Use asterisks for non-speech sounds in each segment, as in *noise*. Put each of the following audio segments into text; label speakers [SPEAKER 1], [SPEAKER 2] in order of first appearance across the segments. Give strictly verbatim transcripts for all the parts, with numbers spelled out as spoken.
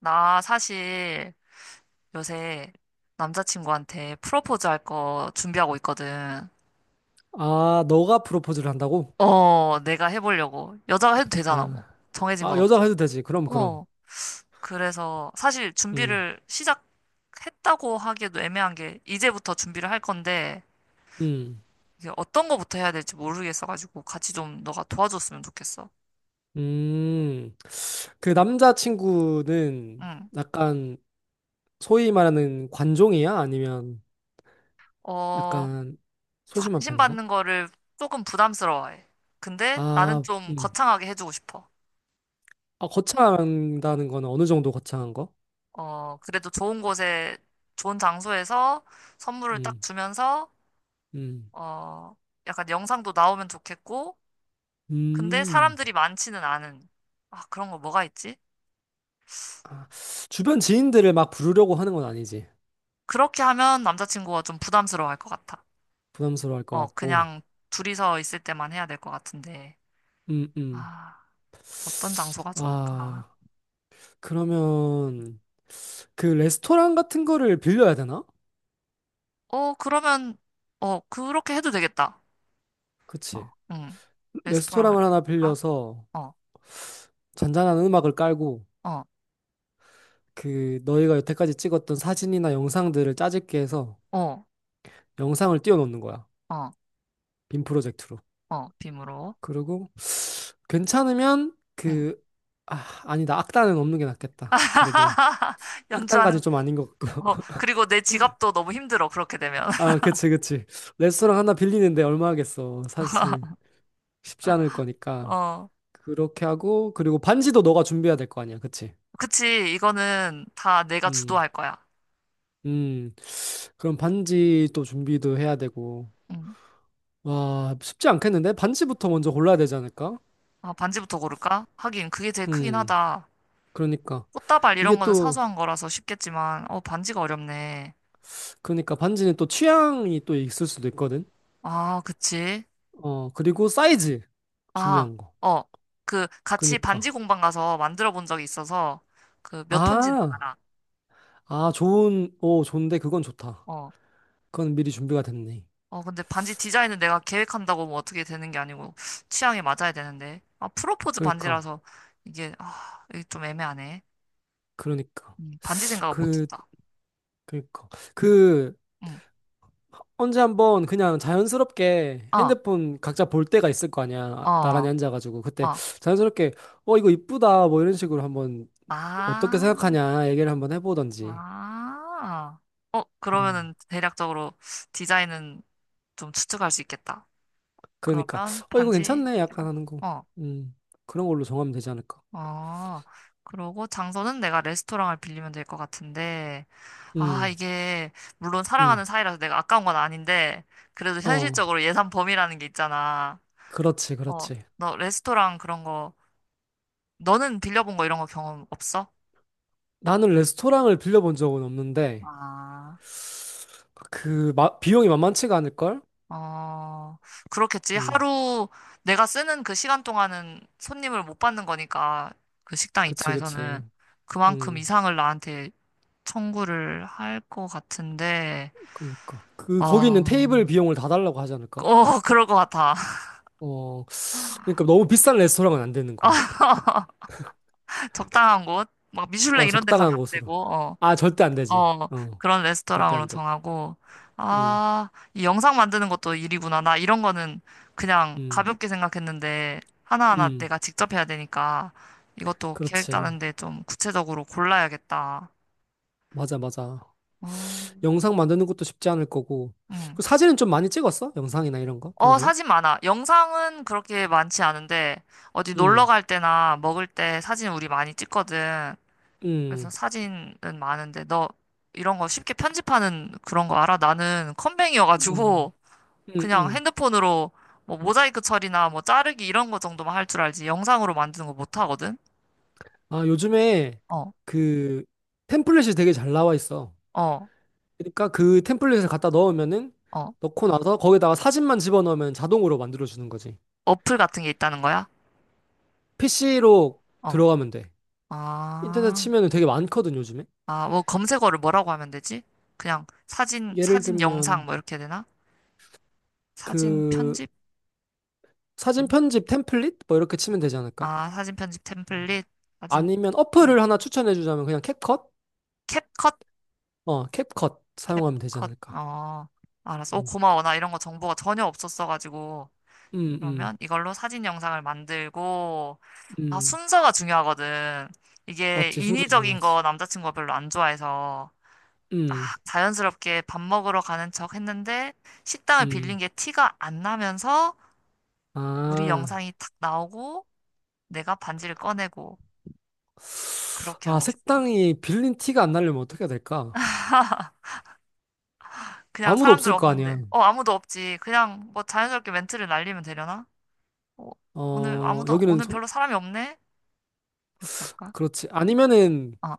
[SPEAKER 1] 나 사실 요새 남자친구한테 프로포즈 할 거 준비하고 있거든.
[SPEAKER 2] 아, 너가 프로포즈를 한다고?
[SPEAKER 1] 어, 내가 해보려고. 여자가 해도 되잖아, 뭐.
[SPEAKER 2] 아,
[SPEAKER 1] 정해진
[SPEAKER 2] 아,
[SPEAKER 1] 건
[SPEAKER 2] 여자가
[SPEAKER 1] 없잖아.
[SPEAKER 2] 해도 되지. 그럼, 그럼.
[SPEAKER 1] 어, 그래서 사실
[SPEAKER 2] 음,
[SPEAKER 1] 준비를 시작했다고 하기에도 애매한 게 이제부터 준비를 할 건데
[SPEAKER 2] 음,
[SPEAKER 1] 이게 어떤 거부터 해야 될지 모르겠어가지고 같이 좀 너가 도와줬으면 좋겠어.
[SPEAKER 2] 음. 그 남자친구는
[SPEAKER 1] 응.
[SPEAKER 2] 약간 소위 말하는 관종이야? 아니면
[SPEAKER 1] 어,
[SPEAKER 2] 약간 소심한
[SPEAKER 1] 관심
[SPEAKER 2] 편인가?
[SPEAKER 1] 받는 거를 조금 부담스러워해. 근데 나는
[SPEAKER 2] 아,
[SPEAKER 1] 좀
[SPEAKER 2] 음.
[SPEAKER 1] 거창하게 해주고 싶어.
[SPEAKER 2] 아, 거창한다는 건 어느 정도 거창한 거?
[SPEAKER 1] 어, 그래도 좋은 곳에, 좋은 장소에서 선물을 딱
[SPEAKER 2] 음,
[SPEAKER 1] 주면서,
[SPEAKER 2] 음,
[SPEAKER 1] 어, 약간 영상도 나오면 좋겠고, 근데
[SPEAKER 2] 음.
[SPEAKER 1] 사람들이 많지는 않은, 아, 그런 거 뭐가 있지?
[SPEAKER 2] 아, 주변 지인들을 막 부르려고 하는 건 아니지.
[SPEAKER 1] 그렇게 하면 남자친구가 좀 부담스러워할 것 같아.
[SPEAKER 2] 부담스러워할 것
[SPEAKER 1] 어,
[SPEAKER 2] 같고.
[SPEAKER 1] 그냥 둘이서 있을 때만 해야 될 것 같은데,
[SPEAKER 2] 음, 음.
[SPEAKER 1] 아, 어떤 장소가 좋을까?
[SPEAKER 2] 아. 그러면 그 레스토랑 같은 거를 빌려야 되나?
[SPEAKER 1] 어, 그러면, 어, 그렇게 해도 되겠다. 어,
[SPEAKER 2] 그치.
[SPEAKER 1] 응. 레스토랑을
[SPEAKER 2] 레스토랑을 하나
[SPEAKER 1] 빌릴까?
[SPEAKER 2] 빌려서
[SPEAKER 1] 어,
[SPEAKER 2] 잔잔한 음악을 깔고
[SPEAKER 1] 어,
[SPEAKER 2] 그 너희가 여태까지 찍었던 사진이나 영상들을 짜집게 해서
[SPEAKER 1] 어,
[SPEAKER 2] 영상을 띄워놓는 거야.
[SPEAKER 1] 어,
[SPEAKER 2] 빔 프로젝트로.
[SPEAKER 1] 어, 빔으로.
[SPEAKER 2] 그리고 괜찮으면
[SPEAKER 1] 응.
[SPEAKER 2] 그, 아, 아니다. 악단은 없는 게 낫겠다. 그래도
[SPEAKER 1] *laughs* 연주하는
[SPEAKER 2] 악단까지 좀 아닌 것 같고.
[SPEAKER 1] 거.
[SPEAKER 2] *laughs*
[SPEAKER 1] 그리고 내 지갑도 너무 힘들어, 그렇게 되면.
[SPEAKER 2] 아, 그치, 그치. 레스토랑 하나 빌리는데 얼마 하겠어. 사실 쉽지 않을
[SPEAKER 1] *laughs*
[SPEAKER 2] 거니까.
[SPEAKER 1] 어,
[SPEAKER 2] 그렇게 하고, 그리고 반지도 너가 준비해야 될 거 아니야. 그치?
[SPEAKER 1] 그치. 이거는 다 내가
[SPEAKER 2] 음,
[SPEAKER 1] 주도할 거야.
[SPEAKER 2] 음. 그럼 반지 또 준비도 해야 되고.
[SPEAKER 1] 응.
[SPEAKER 2] 와, 쉽지 않겠는데? 반지부터 먼저 골라야 되지 않을까?
[SPEAKER 1] 아, 반지부터 고를까? 하긴, 그게 제일 크긴
[SPEAKER 2] 음,
[SPEAKER 1] 하다.
[SPEAKER 2] 그러니까.
[SPEAKER 1] 꽃다발
[SPEAKER 2] 이게
[SPEAKER 1] 이런 거는
[SPEAKER 2] 또,
[SPEAKER 1] 사소한 거라서 쉽겠지만, 어, 반지가 어렵네.
[SPEAKER 2] 그러니까 반지는 또 취향이 또 있을 수도 있거든.
[SPEAKER 1] 아, 그치.
[SPEAKER 2] 어, 그리고 사이즈.
[SPEAKER 1] 아,
[SPEAKER 2] 중요한 거.
[SPEAKER 1] 어, 그, 같이 반지
[SPEAKER 2] 그러니까.
[SPEAKER 1] 공방 가서 만들어 본 적이 있어서, 그, 몇 톤지는
[SPEAKER 2] 아,
[SPEAKER 1] 알아.
[SPEAKER 2] 아, 좋은, 오, 좋은데 그건 좋다.
[SPEAKER 1] 어,
[SPEAKER 2] 그건 미리 준비가 됐네.
[SPEAKER 1] 어, 근데 반지 디자인은 내가 계획한다고 뭐 어떻게 되는 게 아니고 취향에 맞아야 되는데. 아, 프로포즈
[SPEAKER 2] 그러니까,
[SPEAKER 1] 반지라서 이게, 아, 이게 좀 애매하네.
[SPEAKER 2] 그러니까.
[SPEAKER 1] 음, 반지 생각을
[SPEAKER 2] 그,
[SPEAKER 1] 못했다.
[SPEAKER 2] 그러니까.
[SPEAKER 1] 음,
[SPEAKER 2] 그,
[SPEAKER 1] 음.
[SPEAKER 2] 언제 한번 그냥 자연스럽게
[SPEAKER 1] 어,
[SPEAKER 2] 핸드폰 각자 볼 때가 있을 거 아니야.
[SPEAKER 1] 어,
[SPEAKER 2] 나란히 앉아가지고. 그때
[SPEAKER 1] 어.
[SPEAKER 2] 자연스럽게, 어, 이거 이쁘다. 뭐 이런 식으로 한번 어떻게
[SPEAKER 1] 아,
[SPEAKER 2] 생각하냐 얘기를 한번 해보던지.
[SPEAKER 1] 아. 어,
[SPEAKER 2] 음,
[SPEAKER 1] 그러면은 대략적으로 디자인은 좀 추측할 수 있겠다.
[SPEAKER 2] 그러니까,
[SPEAKER 1] 그러면
[SPEAKER 2] 어, 이거
[SPEAKER 1] 반지
[SPEAKER 2] 괜찮네. 약간
[SPEAKER 1] 해결.
[SPEAKER 2] 하는 거.
[SPEAKER 1] 어,
[SPEAKER 2] 음, 그런 걸로 정하면 되지 않을까.
[SPEAKER 1] 어. 그러고 장소는 내가 레스토랑을 빌리면 될 것 같은데. 아,
[SPEAKER 2] 음,
[SPEAKER 1] 이게, 물론
[SPEAKER 2] 음,
[SPEAKER 1] 사랑하는 사이라서 내가 아까운 건 아닌데, 그래도
[SPEAKER 2] 어,
[SPEAKER 1] 현실적으로 예산 범위라는 게 있잖아.
[SPEAKER 2] 그렇지,
[SPEAKER 1] 어,
[SPEAKER 2] 그렇지.
[SPEAKER 1] 너 레스토랑 그런 거, 너는 빌려본 거 이런 거 경험 없어?
[SPEAKER 2] 나는 레스토랑을 빌려본 적은 없는데,
[SPEAKER 1] 아,
[SPEAKER 2] 그, 마- 비용이 만만치가 않을걸?
[SPEAKER 1] 어, 그렇겠지.
[SPEAKER 2] 음,
[SPEAKER 1] 하루 내가 쓰는 그 시간 동안은 손님을 못 받는 거니까, 그 식당
[SPEAKER 2] 그치,
[SPEAKER 1] 입장에서는
[SPEAKER 2] 그치.
[SPEAKER 1] 그만큼
[SPEAKER 2] 음,
[SPEAKER 1] 이상을 나한테 청구를 할 것 같은데,
[SPEAKER 2] 그니까. 그, 거기 있는
[SPEAKER 1] 어,
[SPEAKER 2] 테이블 비용을 다 달라고 하지 않을까?
[SPEAKER 1] 어, 그럴 것 같아. *laughs*
[SPEAKER 2] 어, 그러니까 너무 비싼 레스토랑은 안 되는 거야.
[SPEAKER 1] 적당한 곳, 막 미슐랭
[SPEAKER 2] 어,
[SPEAKER 1] 이런 데 가면
[SPEAKER 2] 적당한
[SPEAKER 1] 안
[SPEAKER 2] 곳으로.
[SPEAKER 1] 되고, 어,
[SPEAKER 2] 아, 절대 안 되지.
[SPEAKER 1] 어,
[SPEAKER 2] 어,
[SPEAKER 1] 그런
[SPEAKER 2] 절대
[SPEAKER 1] 레스토랑으로
[SPEAKER 2] 안 되고.
[SPEAKER 1] 정하고,
[SPEAKER 2] 음,
[SPEAKER 1] 아, 이 영상 만드는 것도 일이구나. 나 이런 거는 그냥
[SPEAKER 2] 음,
[SPEAKER 1] 가볍게 생각했는데, 하나하나
[SPEAKER 2] 음,
[SPEAKER 1] 내가 직접 해야 되니까, 이것도 계획
[SPEAKER 2] 그렇지.
[SPEAKER 1] 짜는데 좀 구체적으로 골라야겠다.
[SPEAKER 2] 맞아, 맞아.
[SPEAKER 1] 어,
[SPEAKER 2] 영상 만드는 것도 쉽지 않을 거고.
[SPEAKER 1] 음.
[SPEAKER 2] 그 사진은 좀 많이 찍었어? 영상이나 이런 거
[SPEAKER 1] 어,
[SPEAKER 2] 평소에?
[SPEAKER 1] 사진 많아. 영상은 그렇게 많지 않은데, 어디 놀러
[SPEAKER 2] 음,
[SPEAKER 1] 갈 때나 먹을 때 사진 우리 많이 찍거든. 그래서
[SPEAKER 2] 음,
[SPEAKER 1] 사진은 많은데 너 이런 거 쉽게 편집하는 그런 거 알아? 나는
[SPEAKER 2] 음,
[SPEAKER 1] 컴맹이어가지고 *laughs*
[SPEAKER 2] 음,
[SPEAKER 1] 그냥
[SPEAKER 2] 음.
[SPEAKER 1] 핸드폰으로 뭐 모자이크 처리나 뭐 자르기 이런 거 정도만 할 줄 알지 영상으로 만드는 거 못 하거든?
[SPEAKER 2] 아, 요즘에
[SPEAKER 1] 어,
[SPEAKER 2] 그 템플릿이 되게 잘 나와 있어.
[SPEAKER 1] 어,
[SPEAKER 2] 그러니까 그 템플릿을 갖다 넣으면은
[SPEAKER 1] 어.
[SPEAKER 2] 넣고 나서 거기다가 사진만 집어넣으면 자동으로 만들어주는 거지.
[SPEAKER 1] 어플 같은 게 있다는 거야?
[SPEAKER 2] 피씨로
[SPEAKER 1] 어.
[SPEAKER 2] 들어가면 돼. 인터넷
[SPEAKER 1] 아,
[SPEAKER 2] 치면은 되게 많거든, 요즘에.
[SPEAKER 1] 아, 뭐 검색어를 뭐라고 하면 되지? 그냥 사진,
[SPEAKER 2] 예를
[SPEAKER 1] 사진 영상
[SPEAKER 2] 들면
[SPEAKER 1] 뭐 이렇게 되나? 사진
[SPEAKER 2] 그
[SPEAKER 1] 편집?
[SPEAKER 2] 사진 편집 템플릿 뭐 이렇게 치면 되지 않을까?
[SPEAKER 1] 아, 사진 편집 템플릿, 사진
[SPEAKER 2] 아니면 어플을 하나 추천해 주자면 그냥 캡컷?
[SPEAKER 1] 캡컷
[SPEAKER 2] 어, 캡컷 사용하면 되지
[SPEAKER 1] 캡컷.
[SPEAKER 2] 않을까?
[SPEAKER 1] 어, 알았어. 오,
[SPEAKER 2] 음.
[SPEAKER 1] 고마워. 나 이런 거 정보가 전혀 없었어가지고.
[SPEAKER 2] 음,
[SPEAKER 1] 그러면
[SPEAKER 2] 음.
[SPEAKER 1] 이걸로 사진 영상을 만들고, 아,
[SPEAKER 2] 음.
[SPEAKER 1] 순서가 중요하거든. 이게
[SPEAKER 2] 맞지. 순서
[SPEAKER 1] 인위적인 거
[SPEAKER 2] 중요하지.
[SPEAKER 1] 남자친구가 별로 안 좋아해서
[SPEAKER 2] 음.
[SPEAKER 1] 딱 자연스럽게 밥 먹으러 가는 척 했는데 식당을 빌린
[SPEAKER 2] 음.
[SPEAKER 1] 게 티가 안 나면서 우리
[SPEAKER 2] 아.
[SPEAKER 1] 영상이 탁 나오고 내가 반지를 꺼내고 그렇게
[SPEAKER 2] 아,
[SPEAKER 1] 하고 싶어.
[SPEAKER 2] 색당이 빌린 티가 안 나려면 어떻게 해야 될까?
[SPEAKER 1] 그냥
[SPEAKER 2] 아무도
[SPEAKER 1] 사람들
[SPEAKER 2] 없을 거 아니야.
[SPEAKER 1] 없는데. 어, 아무도 없지. 그냥 뭐 자연스럽게 멘트를 날리면 되려나? 어, 오늘
[SPEAKER 2] 어,
[SPEAKER 1] 아무도,
[SPEAKER 2] 여기는
[SPEAKER 1] 오늘
[SPEAKER 2] 손,
[SPEAKER 1] 별로 사람이 없네? 이렇게 할까?
[SPEAKER 2] 그렇지. 아니면은
[SPEAKER 1] 어.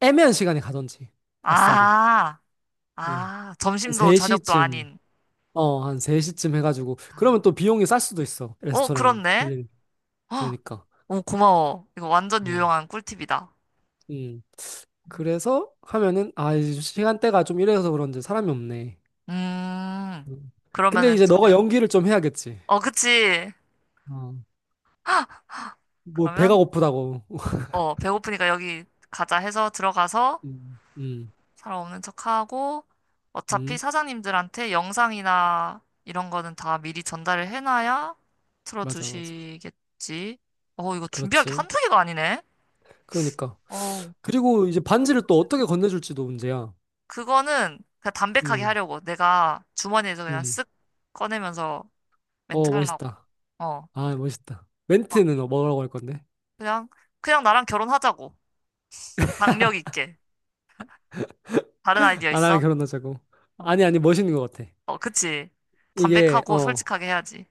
[SPEAKER 2] 애매한 시간에 가던지. 아싸리.
[SPEAKER 1] 아,
[SPEAKER 2] 어,
[SPEAKER 1] 아,
[SPEAKER 2] 한
[SPEAKER 1] 점심도 저녁도
[SPEAKER 2] 세 시쯤,
[SPEAKER 1] 아닌.
[SPEAKER 2] 어, 한 세 시쯤 해가지고,
[SPEAKER 1] 아,
[SPEAKER 2] 그러면 또 비용이 쌀 수도 있어.
[SPEAKER 1] 어,
[SPEAKER 2] 레스토랑
[SPEAKER 1] 그렇네?
[SPEAKER 2] 빌리는.
[SPEAKER 1] 어,
[SPEAKER 2] 그러니까,
[SPEAKER 1] 오, 고마워. 이거 완전
[SPEAKER 2] 어,
[SPEAKER 1] 유용한 꿀팁이다.
[SPEAKER 2] 음. 그래서 하면은, 아, 이제 시간대가 좀 이래서 그런지 사람이 없네.
[SPEAKER 1] 음,
[SPEAKER 2] 음. 근데
[SPEAKER 1] 그러면은
[SPEAKER 2] 이제 너가
[SPEAKER 1] 저녁,
[SPEAKER 2] 연기를 좀 해야겠지.
[SPEAKER 1] 어, 그치.
[SPEAKER 2] 어, 뭐, 배가
[SPEAKER 1] 그러면,
[SPEAKER 2] 고프다고. *laughs*
[SPEAKER 1] 어, 배고프니까 여기 가자 해서 들어가서
[SPEAKER 2] 음, 음,
[SPEAKER 1] 사람 없는 척하고 어차피
[SPEAKER 2] 음,
[SPEAKER 1] 사장님들한테 영상이나 이런 거는 다 미리 전달을 해놔야
[SPEAKER 2] 맞아, 맞아.
[SPEAKER 1] 틀어주시겠지. 어, 이거 준비할 게
[SPEAKER 2] 그렇지.
[SPEAKER 1] 한두 개가 아니네.
[SPEAKER 2] 그러니까.
[SPEAKER 1] 어,
[SPEAKER 2] 그리고 이제 반지를 또
[SPEAKER 1] 프로포즈.
[SPEAKER 2] 어떻게 건네줄지도 문제야.
[SPEAKER 1] 그거는 그냥 담백하게
[SPEAKER 2] 음,
[SPEAKER 1] 하려고. 내가 주머니에서 그냥
[SPEAKER 2] 음.
[SPEAKER 1] 쓱 꺼내면서 멘트
[SPEAKER 2] 어,
[SPEAKER 1] 하려고.
[SPEAKER 2] 멋있다.
[SPEAKER 1] 어,
[SPEAKER 2] 아, 멋있다. 멘트는 뭐, 뭐라고 할 건데?
[SPEAKER 1] 그냥, 그냥 나랑 결혼하자고. 강력 있게. 다른 아이디어
[SPEAKER 2] 아, 나랑
[SPEAKER 1] 있어?
[SPEAKER 2] 결혼하자고.
[SPEAKER 1] 어,
[SPEAKER 2] 아니, 아니, 멋있는 것 같아.
[SPEAKER 1] 어, 그치.
[SPEAKER 2] 이게,
[SPEAKER 1] 담백하고
[SPEAKER 2] 어,
[SPEAKER 1] 솔직하게 해야지.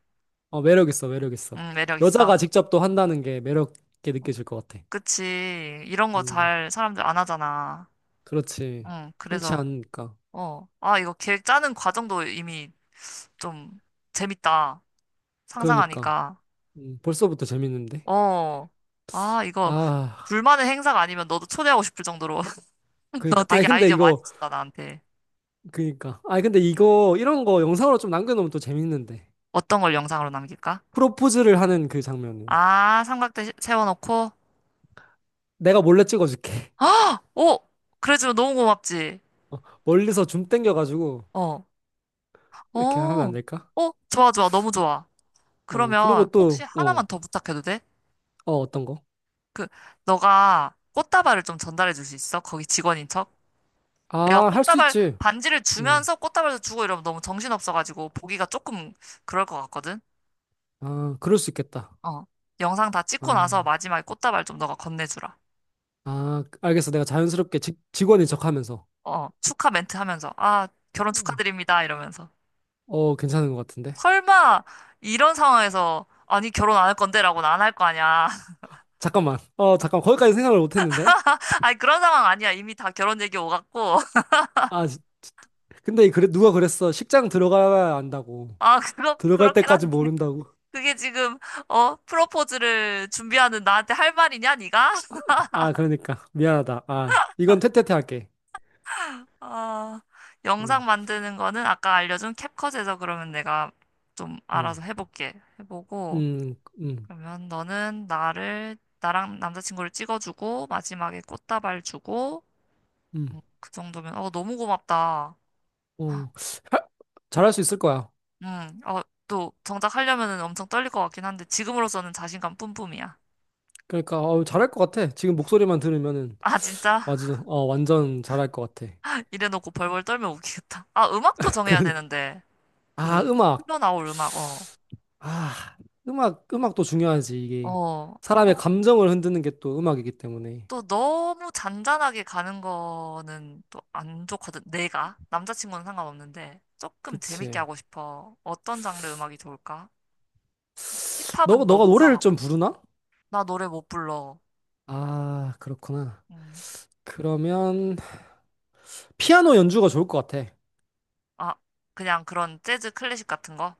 [SPEAKER 2] 어, 매력 있어, 매력 있어.
[SPEAKER 1] 음, 매력
[SPEAKER 2] 여자가
[SPEAKER 1] 있어.
[SPEAKER 2] 직접 또 한다는 게 매력 있게 느껴질 것 같아.
[SPEAKER 1] 그치. 이런 거
[SPEAKER 2] 음,
[SPEAKER 1] 잘 사람들 안 하잖아.
[SPEAKER 2] 그렇지.
[SPEAKER 1] 응,
[SPEAKER 2] 흔치
[SPEAKER 1] 그래서,
[SPEAKER 2] 않으니까.
[SPEAKER 1] 어. 아, 이거 계획 짜는 과정도 이미 좀 재밌다.
[SPEAKER 2] 그러니까.
[SPEAKER 1] 상상하니까.
[SPEAKER 2] 음, 벌써부터 재밌는데?
[SPEAKER 1] 어. 아, 이거
[SPEAKER 2] 아,
[SPEAKER 1] 둘만의 행사가 아니면 너도 초대하고 싶을 정도로. *laughs* 너
[SPEAKER 2] 그니까. 아니,
[SPEAKER 1] 되게
[SPEAKER 2] 근데
[SPEAKER 1] 아이디어 많이
[SPEAKER 2] 이거,
[SPEAKER 1] 준다, 나한테.
[SPEAKER 2] 그니까. 아니, 근데 이거, 이런 거 영상으로 좀 남겨놓으면 또 재밌는데.
[SPEAKER 1] 어떤 걸 영상으로 남길까?
[SPEAKER 2] 프로포즈를 하는 그 장면을.
[SPEAKER 1] 아, 삼각대 시- 세워놓고.
[SPEAKER 2] 내가 몰래 찍어줄게. *laughs*
[SPEAKER 1] 아! 오! 그래주면 너무 고맙지.
[SPEAKER 2] 어, 멀리서 줌 땡겨가지고,
[SPEAKER 1] 어. 어.
[SPEAKER 2] 이렇게 하면 안 될까?
[SPEAKER 1] 어, 좋아, 좋아. 너무 좋아.
[SPEAKER 2] 어, 그런
[SPEAKER 1] 그러면 혹시
[SPEAKER 2] 것도,
[SPEAKER 1] 하나만
[SPEAKER 2] 어,
[SPEAKER 1] 더 부탁해도 돼?
[SPEAKER 2] 어, 어떤 거?
[SPEAKER 1] 그, 너가 꽃다발을 좀 전달해 줄 수 있어? 거기 직원인 척? 내가
[SPEAKER 2] 아, 할 수
[SPEAKER 1] 꽃다발,
[SPEAKER 2] 있지.
[SPEAKER 1] 반지를
[SPEAKER 2] 음.
[SPEAKER 1] 주면서 꽃다발도 주고 이러면 너무 정신없어가지고 보기가 조금 그럴 것 같거든?
[SPEAKER 2] 아, 그럴 수 있겠다.
[SPEAKER 1] 어. 영상 다 찍고 나서
[SPEAKER 2] 아,
[SPEAKER 1] 마지막에 꽃다발 좀 너가 건네주라.
[SPEAKER 2] 아, 알겠어. 내가 자연스럽게 직, 직원인 척 하면서.
[SPEAKER 1] 어. 축하 멘트 하면서, 아, 결혼
[SPEAKER 2] 어,
[SPEAKER 1] 축하드립니다. 이러면서.
[SPEAKER 2] 어, 괜찮은 것 같은데.
[SPEAKER 1] 설마, 이런 상황에서, 아니, 결혼 안 할 건데 라고는 안 할 거 아니야.
[SPEAKER 2] 잠깐만. 어, 잠깐. 거기까지 생각을 못 했는데.
[SPEAKER 1] *laughs* 아니, 그런 상황 아니야. 이미 다 결혼 얘기 오갔고. *laughs*
[SPEAKER 2] 아, 지- 지- 근데 그래, 누가 그랬어. 식장 들어가야 안다고.
[SPEAKER 1] 아, 그거,
[SPEAKER 2] 들어갈
[SPEAKER 1] 그렇긴
[SPEAKER 2] 때까지
[SPEAKER 1] 한데.
[SPEAKER 2] 모른다고.
[SPEAKER 1] 그게 지금 어 프로포즈를 준비하는 나한테 할 말이냐 네가? *laughs*
[SPEAKER 2] 아, 그러니까. 미안하다. 아, 이건 퇴퇴퇴 할게.
[SPEAKER 1] 아,
[SPEAKER 2] 어,
[SPEAKER 1] 영상 만드는 거는 아까 알려준 캡컷에서 그러면 내가 좀
[SPEAKER 2] 음,
[SPEAKER 1] 알아서 해볼게. 해보고
[SPEAKER 2] 음, 음,
[SPEAKER 1] 그러면 너는 나를 나랑 남자친구를 찍어주고 마지막에 꽃다발 주고,
[SPEAKER 2] 음.
[SPEAKER 1] 음, 그 정도면 어 너무 고맙다.
[SPEAKER 2] 어, 하- 잘할 수 있을 거야.
[SPEAKER 1] 음어또 정작 하려면은 엄청 떨릴 것 같긴 한데 지금으로서는 자신감 뿜뿜이야.
[SPEAKER 2] 그러니까, 어, 잘할 것 같아. 지금 목소리만 들으면은.
[SPEAKER 1] 아, 진짜.
[SPEAKER 2] 맞아. 어, 완전 잘할 것 같아.
[SPEAKER 1] *laughs* 이래놓고 벌벌 떨면 웃기겠다. 아, 음악도
[SPEAKER 2] *laughs*
[SPEAKER 1] 정해야
[SPEAKER 2] 그러니까.
[SPEAKER 1] 되는데
[SPEAKER 2] 아,
[SPEAKER 1] 그
[SPEAKER 2] 음악.
[SPEAKER 1] 흘러나올 음악, 어.
[SPEAKER 2] 아, 음악, 음악도 중요하지, 이게.
[SPEAKER 1] 어,
[SPEAKER 2] 사람의
[SPEAKER 1] 아,
[SPEAKER 2] 감정을 흔드는 게 또 음악이기 때문에.
[SPEAKER 1] 또 너무 잔잔하게 가는 거는 또 안 좋거든. 내가 남자친구는 상관없는데 조금 재밌게
[SPEAKER 2] 그치.
[SPEAKER 1] 하고 싶어. 어떤 장르 음악이 좋을까?
[SPEAKER 2] 너,
[SPEAKER 1] 힙합은
[SPEAKER 2] 너가
[SPEAKER 1] 너무
[SPEAKER 2] 노래를
[SPEAKER 1] 과하고.
[SPEAKER 2] 좀 부르나?
[SPEAKER 1] 나 노래 못 불러.
[SPEAKER 2] 아, 그렇구나.
[SPEAKER 1] 음.
[SPEAKER 2] 그러면, 피아노 연주가 좋을 것 같아.
[SPEAKER 1] 아, 그냥 그런 재즈 클래식 같은 거,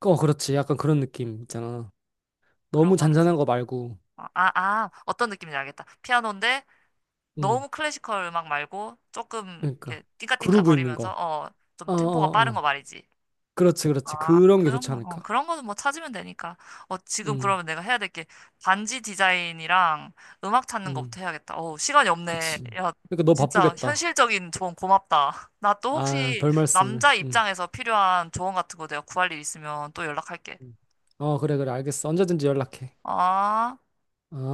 [SPEAKER 2] 어, 그렇지. 약간 그런 느낌 있잖아.
[SPEAKER 1] 그런
[SPEAKER 2] 너무
[SPEAKER 1] 거를
[SPEAKER 2] 잔잔한 거
[SPEAKER 1] 진짜.
[SPEAKER 2] 말고.
[SPEAKER 1] 아, 아, 아, 어떤 느낌인지 알겠다. 피아노인데
[SPEAKER 2] 응,
[SPEAKER 1] 너무 클래시컬 음악 말고 조금
[SPEAKER 2] 그러니까.
[SPEAKER 1] 이렇게 띵까띵까
[SPEAKER 2] 그루브 있는
[SPEAKER 1] 거리면서,
[SPEAKER 2] 거.
[SPEAKER 1] 어,
[SPEAKER 2] 어,
[SPEAKER 1] 좀 템포가
[SPEAKER 2] 어,
[SPEAKER 1] 빠른 거
[SPEAKER 2] 어.
[SPEAKER 1] 말이지.
[SPEAKER 2] 그렇지, 그렇지.
[SPEAKER 1] 아,
[SPEAKER 2] 그런 게
[SPEAKER 1] 그런
[SPEAKER 2] 좋지
[SPEAKER 1] 거, 어,
[SPEAKER 2] 않을까?
[SPEAKER 1] 그런 거는 뭐 찾으면 되니까. 어, 지금
[SPEAKER 2] 응,
[SPEAKER 1] 그러면 내가 해야 될게 반지 디자인이랑 음악 찾는
[SPEAKER 2] 응.
[SPEAKER 1] 것부터 해야겠다. 어, 시간이 없네.
[SPEAKER 2] 그치.
[SPEAKER 1] 야,
[SPEAKER 2] 그러니까 너
[SPEAKER 1] 진짜
[SPEAKER 2] 바쁘겠다.
[SPEAKER 1] 현실적인 조언 고맙다. *laughs* 나 또
[SPEAKER 2] 아,
[SPEAKER 1] 혹시
[SPEAKER 2] 별 말씀을.
[SPEAKER 1] 남자
[SPEAKER 2] 응.
[SPEAKER 1] 입장에서 필요한 조언 같은 거 내가 구할 일 있으면 또 연락할게.
[SPEAKER 2] 응. 어, 그래, 그래, 알겠어. 언제든지 연락해.
[SPEAKER 1] 아.
[SPEAKER 2] 어.